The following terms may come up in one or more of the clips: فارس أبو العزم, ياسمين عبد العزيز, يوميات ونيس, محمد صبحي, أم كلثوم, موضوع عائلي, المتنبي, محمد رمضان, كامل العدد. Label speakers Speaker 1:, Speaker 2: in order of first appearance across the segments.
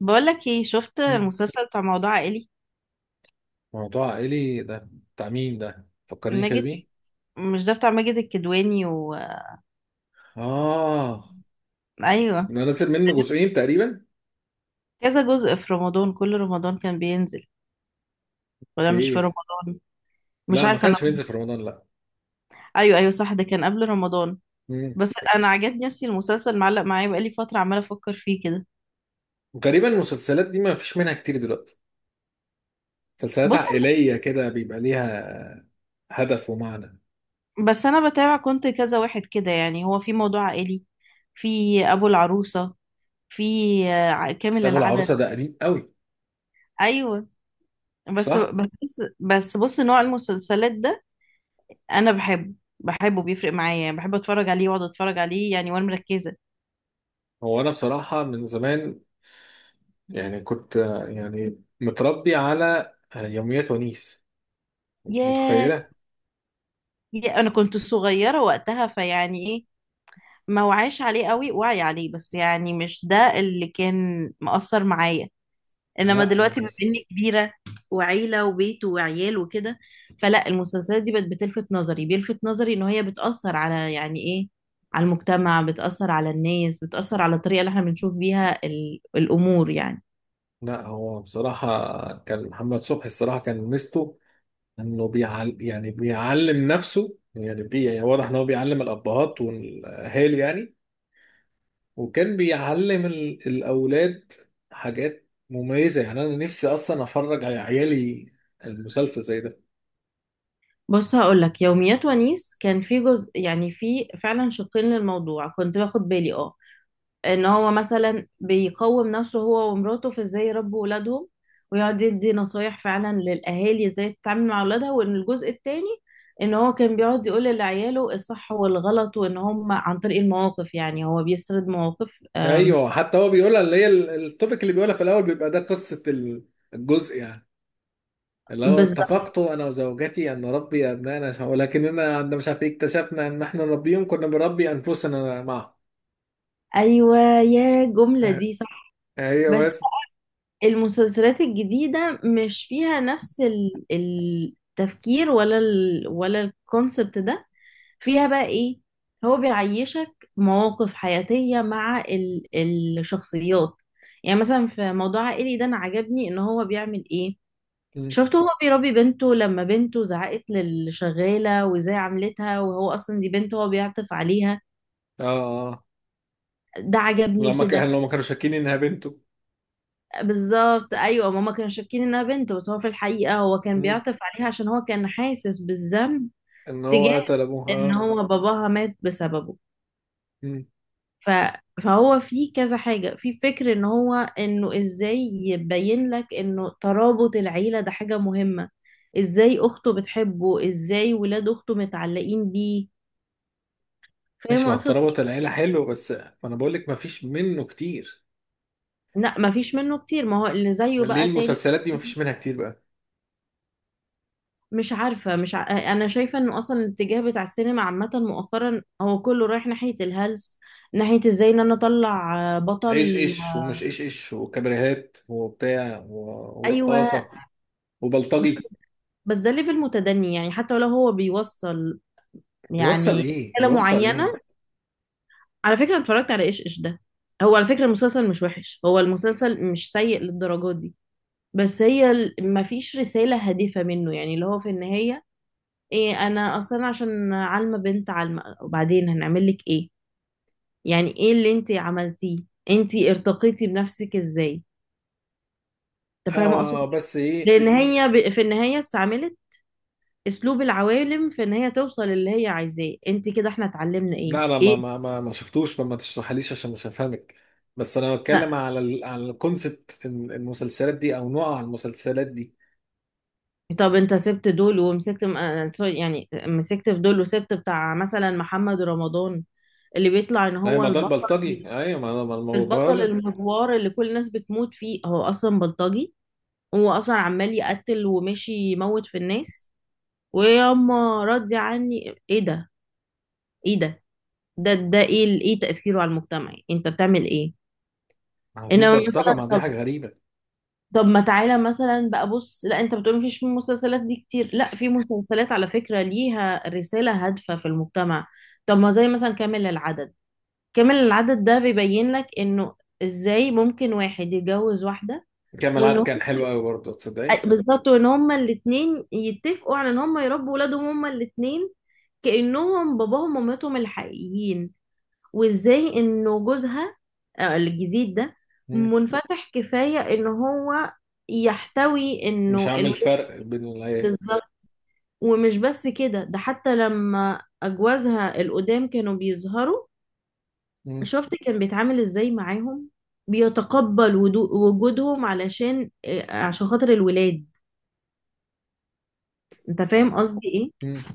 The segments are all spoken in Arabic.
Speaker 1: بقولك ايه، شفت
Speaker 2: مم.
Speaker 1: المسلسل بتاع موضوع عائلي؟
Speaker 2: موضوع عائلي ده، بتاع مين ده؟ فكرني كده
Speaker 1: ماجد.
Speaker 2: بيه.
Speaker 1: مش ده بتاع ماجد الكدواني
Speaker 2: اه.
Speaker 1: ايوه.
Speaker 2: انا نازل منه جزئين تقريبا.
Speaker 1: كذا جزء في رمضان، كل رمضان كان بينزل، ولا مش في
Speaker 2: كيف؟
Speaker 1: رمضان؟ مش
Speaker 2: لا، ما
Speaker 1: عارفه انا.
Speaker 2: كانش بينزل في رمضان، لا.
Speaker 1: ايوه ايوه صح، ده كان قبل رمضان.
Speaker 2: مم.
Speaker 1: بس انا عجبني، اصلي المسلسل معلق معايا بقالي فتره، عماله افكر فيه كده.
Speaker 2: غالبا المسلسلات دي ما فيش منها كتير دلوقتي، مسلسلات
Speaker 1: بص،
Speaker 2: عائلية كده بيبقى ليها هدف ومعنى.
Speaker 1: بس انا بتابع، كنت كذا واحد كده، يعني هو في موضوع عائلي، في ابو العروسه، في
Speaker 2: بس
Speaker 1: كامل
Speaker 2: ابو
Speaker 1: العدد.
Speaker 2: العروسة ده قديم قوي.
Speaker 1: ايوه. بس
Speaker 2: صح.
Speaker 1: بس بس بص، نوع المسلسلات ده انا بحبه، بحبه، بيفرق معايا، بحب اتفرج عليه واقعد اتفرج عليه يعني وانا مركزه.
Speaker 2: هو انا بصراحة من زمان يعني كنت يعني متربي على يوميات ونيس. انت
Speaker 1: ياه،
Speaker 2: متخيلة؟
Speaker 1: يا انا كنت صغيره وقتها فيعني ايه، ما وعيش عليه قوي، وعي عليه بس يعني مش ده اللي كان مأثر معايا. انما
Speaker 2: لا انا
Speaker 1: دلوقتي بما
Speaker 2: كنت
Speaker 1: اني كبيره وعيله وبيت وعيال وكده، فلا المسلسلات دي بقت بتلفت نظري، بيلفت نظري ان هي بتأثر على يعني ايه، على المجتمع، بتأثر على الناس، بتأثر على الطريقه اللي احنا بنشوف بيها الامور يعني.
Speaker 2: لا، هو بصراحة كان محمد صبحي، الصراحة كان ميزته انه بيعلم نفسه، يعني بي يعني واضح ان هو بيعلم الابهات والاهالي يعني. وكان بيعلم الاولاد حاجات مميزة، يعني انا نفسي اصلا افرج على عيالي المسلسل زي ده.
Speaker 1: بص هقولك، يوميات ونيس كان في جزء، يعني في فعلا شقين للموضوع كنت باخد بالي اه، ان هو مثلا بيقوم نفسه هو ومراته في ازاي يربوا ولادهم ويقعد يدي نصايح فعلا للاهالي ازاي تتعامل مع اولادها، وان الجزء التاني ان هو كان بيقعد يقول لعياله الصح والغلط، وان هم عن طريق المواقف يعني هو بيسرد مواقف
Speaker 2: ايوه، حتى هو بيقولها، اللي هي التوبيك اللي بيقولها في الاول بيبقى ده قصة الجزء يعني، اللي هو
Speaker 1: بالظبط.
Speaker 2: اتفقت انا وزوجتي ان نربي ابنائنا، ولكننا عندما مش عارف إيه اكتشفنا ان احنا نربيهم كنا بنربي انفسنا معهم.
Speaker 1: ايوه، يا جملة دي صح.
Speaker 2: ايوه
Speaker 1: بس
Speaker 2: بس.
Speaker 1: المسلسلات الجديدة مش فيها نفس التفكير، ولا ال ولا الكونسبت ده. فيها بقى ايه؟ هو بيعيشك مواقف حياتية مع ال الشخصيات. يعني مثلا في موضوع عائلي ده انا عجبني ان هو بيعمل ايه،
Speaker 2: مم.
Speaker 1: شفته هو بيربي بنته، لما بنته زعقت للشغالة وازاي عملتها، وهو اصلا دي بنته هو بيعطف عليها.
Speaker 2: اه، اه.
Speaker 1: ده عجبني كده.
Speaker 2: لما كانوا شاكين انها بنته.
Speaker 1: بالظبط ايوه، ماما كانوا شاكين انها بنت، بس هو في الحقيقه هو كان
Speaker 2: مم.
Speaker 1: بيعطف عليها عشان هو كان حاسس بالذنب
Speaker 2: ان هو
Speaker 1: تجاه
Speaker 2: قتل ابوها،
Speaker 1: ان
Speaker 2: اه.
Speaker 1: هو باباها مات بسببه.
Speaker 2: مم.
Speaker 1: ف... فهو في كذا حاجه، في فكر ان هو انه ازاي يبين لك انه ترابط العيله ده حاجه مهمه، ازاي اخته بتحبه، ازاي ولاد اخته متعلقين بيه. فاهم
Speaker 2: ماشي، مع
Speaker 1: اقصد
Speaker 2: الترابط
Speaker 1: إيه؟
Speaker 2: العيله حلو، بس ما انا بقول لك ما فيش منه كتير.
Speaker 1: لا مفيش منه كتير، ما هو اللي زيه
Speaker 2: ما ليه
Speaker 1: بقى تاني.
Speaker 2: المسلسلات دي ما فيش منها كتير بقى؟
Speaker 1: مش عارفة، مش ع... أنا شايفة إنه أصلا الاتجاه بتاع السينما عامة مؤخرا هو كله رايح ناحية الهلس، ناحية إزاي إن أنا أطلع بطل.
Speaker 2: ايش ايش ومش ايش ايش وكابريهات وبتاع
Speaker 1: أيوة.
Speaker 2: ورقاصه
Speaker 1: بس,
Speaker 2: وبلطجي.
Speaker 1: بس ده ليفل متدني يعني، حتى لو هو بيوصل
Speaker 2: بيوصل
Speaker 1: يعني
Speaker 2: ايه؟
Speaker 1: رسالة
Speaker 2: بيوصل
Speaker 1: معينة.
Speaker 2: ايه؟
Speaker 1: على فكرة أنا اتفرجت على إيش إيش ده، هو على فكرة المسلسل مش وحش، هو المسلسل مش سيء للدرجة دي، بس هي مفيش رسالة هادفة منه يعني، اللي هو في النهاية إيه؟ أنا أصلا عشان عالمة بنت عالمة، وبعدين هنعمل لك إيه؟ يعني ايه اللي انت عملتيه؟ انت ارتقيتي بنفسك ازاي؟ انت فاهمه اقصد
Speaker 2: اه بس ايه.
Speaker 1: إيه؟ لان هي في النهايه استعملت اسلوب العوالم في ان هي توصل اللي هي عايزاه. انت كده احنا اتعلمنا ايه
Speaker 2: لا، انا
Speaker 1: ايه؟
Speaker 2: ما شفتوش، فما تشرحليش عشان مش هفهمك. بس انا بتكلم
Speaker 1: لا.
Speaker 2: على على الكونسبت المسلسلات دي او نوع المسلسلات دي.
Speaker 1: طب انت سبت دول ومسكت م- آه، سوري، يعني مسكت في دول وسبت بتاع مثلا محمد رمضان اللي بيطلع ان
Speaker 2: لا،
Speaker 1: هو
Speaker 2: ما ده
Speaker 1: البطل،
Speaker 2: البلطجي، ايوه، ما انا ما
Speaker 1: البطل
Speaker 2: بقول.
Speaker 1: المجوار اللي كل الناس بتموت فيه هو اصلا بلطجي، هو اصلا عمال يقتل وماشي يموت في الناس. وياما ردي عني ايه ده، ايه ده، ده ايه ايه تأثيره على المجتمع؟ انت بتعمل ايه؟
Speaker 2: ما هو دي
Speaker 1: انما
Speaker 2: البلطجه،
Speaker 1: مثلا،
Speaker 2: ما دي
Speaker 1: طب
Speaker 2: حاجه غريبه.
Speaker 1: طب ما تعالى مثلا بقى، بص لا انت بتقول مفيش مسلسلات دي كتير، لا في مسلسلات على فكرة ليها رسالة هادفة في المجتمع. طب ما زي مثلا كامل العدد، كامل العدد ده بيبين لك انه ازاي ممكن واحد يتجوز واحدة
Speaker 2: كامل
Speaker 1: وان
Speaker 2: العدد
Speaker 1: هم،
Speaker 2: كان حلو قوي برضه، تصدقي؟
Speaker 1: بالظبط، وان هما الاتنين يتفقوا على ان هما يربوا ولادهم هما الاتنين كأنهم باباهم ومامتهم الحقيقيين، وازاي انه جوزها الجديد ده
Speaker 2: مم.
Speaker 1: منفتح كفاية ان هو يحتوي
Speaker 2: مش
Speaker 1: انه
Speaker 2: عامل
Speaker 1: الولاد،
Speaker 2: فرق بين ال.
Speaker 1: بالظبط. ومش بس كده، ده حتى لما اجوازها القدام كانوا بيظهروا،
Speaker 2: مم.
Speaker 1: شفت كان بيتعامل ازاي معاهم، بيتقبل وجودهم علشان عشان خاطر الولاد. انت فاهم قصدي ايه؟
Speaker 2: مم.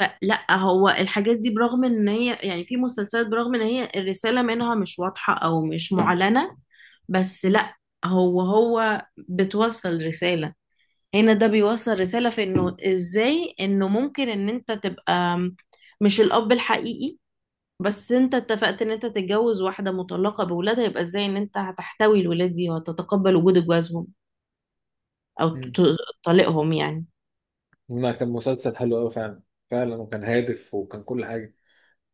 Speaker 1: فلا هو الحاجات دي برغم ان هي يعني في مسلسلات برغم ان هي الرسالة منها مش واضحة او مش معلنة، بس لا هو بتوصل رسالة، هنا ده بيوصل رسالة في انه ازاي انه ممكن ان انت تبقى مش الاب الحقيقي، بس انت اتفقت ان انت تتجوز واحدة مطلقة بولادها، يبقى ازاي ان انت هتحتوي الولاد دي وهتتقبل وجود جوازهم او
Speaker 2: مم.
Speaker 1: طليقهم يعني.
Speaker 2: لا، كان مسلسل حلو قوي فعلا، فعلا، وكان هادف وكان كل حاجه.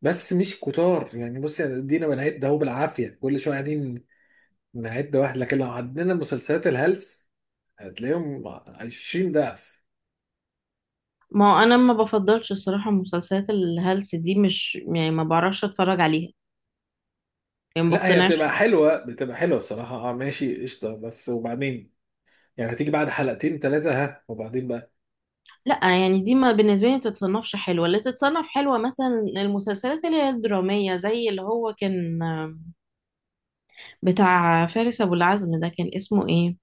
Speaker 2: بس مش كتار يعني، بصي، يعني ادينا بنهاية ده هو بالعافيه كل شويه قاعدين نعد واحد، لكن لو عدينا مسلسلات الهلس هتلاقيهم 20 ضعف.
Speaker 1: ما هو انا ما بفضلش الصراحة مسلسلات الهلس دي، مش يعني ما بعرفش اتفرج عليها، يعني ما
Speaker 2: لا، هي
Speaker 1: بقتنعش.
Speaker 2: بتبقى حلوة، بتبقى حلوة بصراحة، اه ماشي، قشطة، بس وبعدين يعني هتيجي بعد حلقتين ثلاثة، ها، وبعدين بقى.
Speaker 1: لا يعني دي ما بالنسبة لي ما تتصنفش حلوة، اللي تتصنف حلوة مثلا المسلسلات اللي هي الدرامية، زي اللي هو كان بتاع فارس أبو العزم ده، كان اسمه ايه؟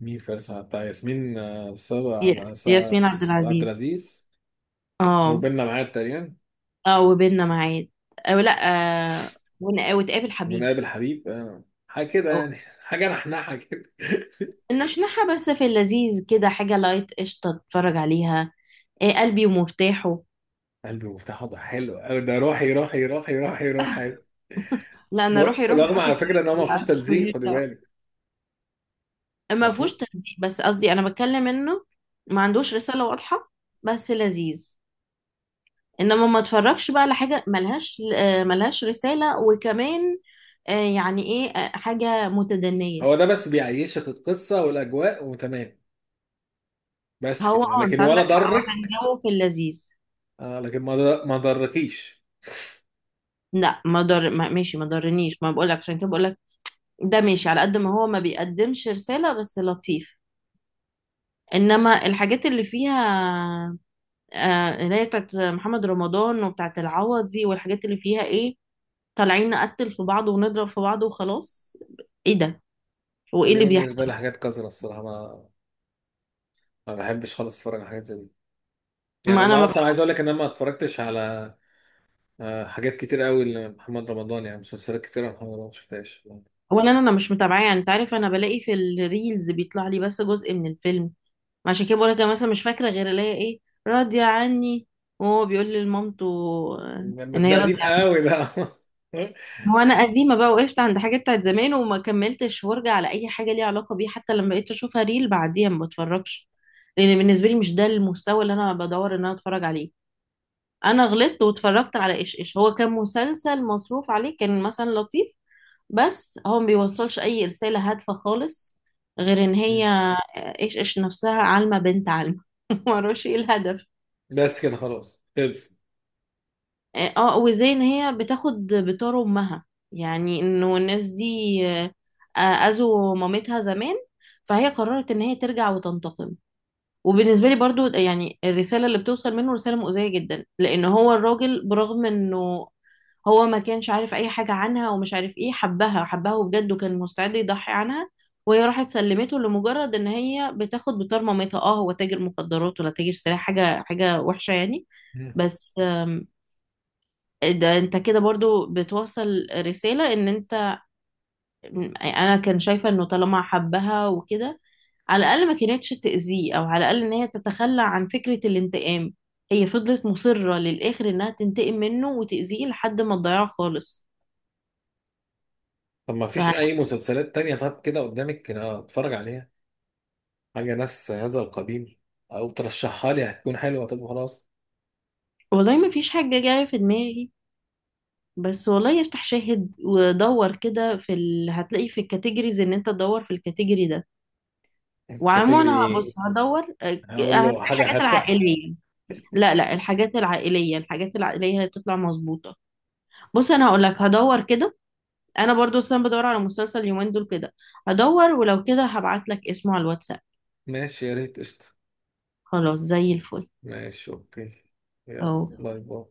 Speaker 2: مين؟ فارسة بتاع ياسمين، صبا
Speaker 1: ي-
Speaker 2: على صا-
Speaker 1: ياسمين عبد
Speaker 2: صا- عبد
Speaker 1: العزيز.
Speaker 2: العزيز.
Speaker 1: اه.
Speaker 2: وبيننا معاد تقريبا.
Speaker 1: اه، وبيننا معاد، او لا، آه وتقابل حبيب.
Speaker 2: ونقابل حبيب، حاجة كده
Speaker 1: او
Speaker 2: يعني، حاجة نحنحة كده.
Speaker 1: ان احنا بس في اللذيذ كده، حاجة لايت قشطة تتفرج عليها. إيه قلبي ومفتاحه؟
Speaker 2: قلبي مفتاح، وضع حلو أوي ده، روحي روحي روحي روحي روحي.
Speaker 1: لا انا روحي روحي
Speaker 2: رغم
Speaker 1: روحي
Speaker 2: على فكرة إن هو ما فيهوش تلزيق، خدي
Speaker 1: كده ما فيهوش
Speaker 2: بالك.
Speaker 1: تهديد، بس قصدي انا بتكلم انه ما عندوش رسالة واضحة، بس لذيذ. انما ما اتفرجش بقى على حاجة ملهاش ملهاش رسالة، وكمان يعني ايه حاجة متدنية.
Speaker 2: هو ده بس بيعيشك القصة والأجواء وتمام، بس
Speaker 1: هو
Speaker 2: كده،
Speaker 1: اه،
Speaker 2: لكن
Speaker 1: انت
Speaker 2: ولا
Speaker 1: عندك حق، هو كان
Speaker 2: ضرك.
Speaker 1: جو في اللذيذ.
Speaker 2: آه، لكن ما ضركيش.
Speaker 1: لا ما ضر، ما ماشي ما ضرنيش، ما بقولك عشان كده بقولك ده ماشي، على قد ما هو ما بيقدمش رسالة بس لطيف. انما الحاجات اللي فيها اللي هي بتاعت محمد رمضان وبتاعت العوضي والحاجات اللي فيها ايه، طالعين نقتل في بعض ونضرب في بعض وخلاص، ايه ده؟
Speaker 2: لا،
Speaker 1: وايه
Speaker 2: دي
Speaker 1: اللي
Speaker 2: بالنسبة
Speaker 1: بيحصل؟
Speaker 2: لي حاجات قذرة الصراحة، ما بحبش خالص أتفرج على حاجات زي دي. يعني
Speaker 1: ما انا
Speaker 2: أنا
Speaker 1: ما
Speaker 2: أصلا
Speaker 1: بح...
Speaker 2: عايز أقول لك إن أنا ما اتفرجتش على حاجات كتير قوي لمحمد رمضان، يعني مسلسلات كتير محمد رمضان ما شفتهاش.
Speaker 1: ولا انا، أنا مش متابعاه يعني، انت عارف انا بلاقي في الريلز بيطلع لي بس جزء من الفيلم. ما عشان كده بقول لك، انا مثلا مش فاكره غير الاقي ايه، راضيه عني، وهو بيقول لمامته آه،
Speaker 2: بس
Speaker 1: ان
Speaker 2: ده
Speaker 1: هي
Speaker 2: قديم
Speaker 1: راضيه عني.
Speaker 2: قوي ده.
Speaker 1: هو انا قديمه بقى، وقفت عند حاجه بتاعت زمان وما كملتش فرجه على اي حاجه ليها علاقه بيه، حتى لما بقيت اشوفها ريل بعديها ما بتفرجش، لان بالنسبه لي مش ده المستوى اللي انا بدور ان انا اتفرج عليه. انا غلطت واتفرجت على ايش ايش، هو كان مسلسل مصروف عليه، كان مثلا لطيف، بس هو ما بيوصلش اي رسالة هادفة خالص، غير ان
Speaker 2: مم.
Speaker 1: هي ايش ايش نفسها عالمة بنت عالمة معرفش ايه الهدف.
Speaker 2: بس كده، خلاص، خلص.
Speaker 1: اه وزي ان هي بتاخد بتار امها، يعني انه الناس دي اذوا مامتها زمان، فهي قررت ان هي ترجع وتنتقم. وبالنسبة لي برضو يعني الرسالة اللي بتوصل منه رسالة مؤذية جدا، لأن هو الراجل برغم إنه هو ما كانش عارف أي حاجة عنها ومش عارف إيه، حبها حبها وبجد وكان مستعد يضحي عنها، وهي راحت سلمته لمجرد إن هي بتاخد بطار مامتها، أه هو تاجر مخدرات ولا تاجر سلاح، حاجة حاجة وحشة يعني.
Speaker 2: مم.
Speaker 1: بس ده انت كده برضو بتوصل رسالة ان انت، انا كان شايفة انه طالما حبها وكده، على الأقل ما كانتش تأذيه، أو على الأقل إن هي تتخلى عن فكرة الانتقام. هي فضلت مصرة للآخر إنها تنتقم منه وتأذيه لحد ما تضيعه خالص.
Speaker 2: طب ما فيش
Speaker 1: ف
Speaker 2: أي مسلسلات تانية؟ طب كده قدامك كده أتفرج عليها حاجة نفس هذا القبيل، أو ترشحها لي هتكون حلوة؟ طب خلاص.
Speaker 1: والله ما فيش حاجة جاية في دماغي، بس والله افتح شاهد ودور كده في هتلاقي في الكاتيجوريز، إن أنت تدور في الكاتيجوري ده.
Speaker 2: أنت
Speaker 1: وعموما
Speaker 2: كاتجري
Speaker 1: أنا هبص
Speaker 2: إيه؟
Speaker 1: هدور
Speaker 2: هقول
Speaker 1: هتلاقي
Speaker 2: له حاجة
Speaker 1: الحاجات
Speaker 2: هادفة.
Speaker 1: العائلية. لا لا، الحاجات العائلية، الحاجات العائلية هتطلع مظبوطة. بص أنا هقولك، هدور كده، انا برضو اصلا بدور على مسلسل اليومين دول كده، هدور ولو كده هبعت لك اسمه على الواتساب.
Speaker 2: ماشي، يا ريت، قشطة.
Speaker 1: خلاص زي الفل.
Speaker 2: ماشي، أوكي. يلا،
Speaker 1: اهو.
Speaker 2: باي باي.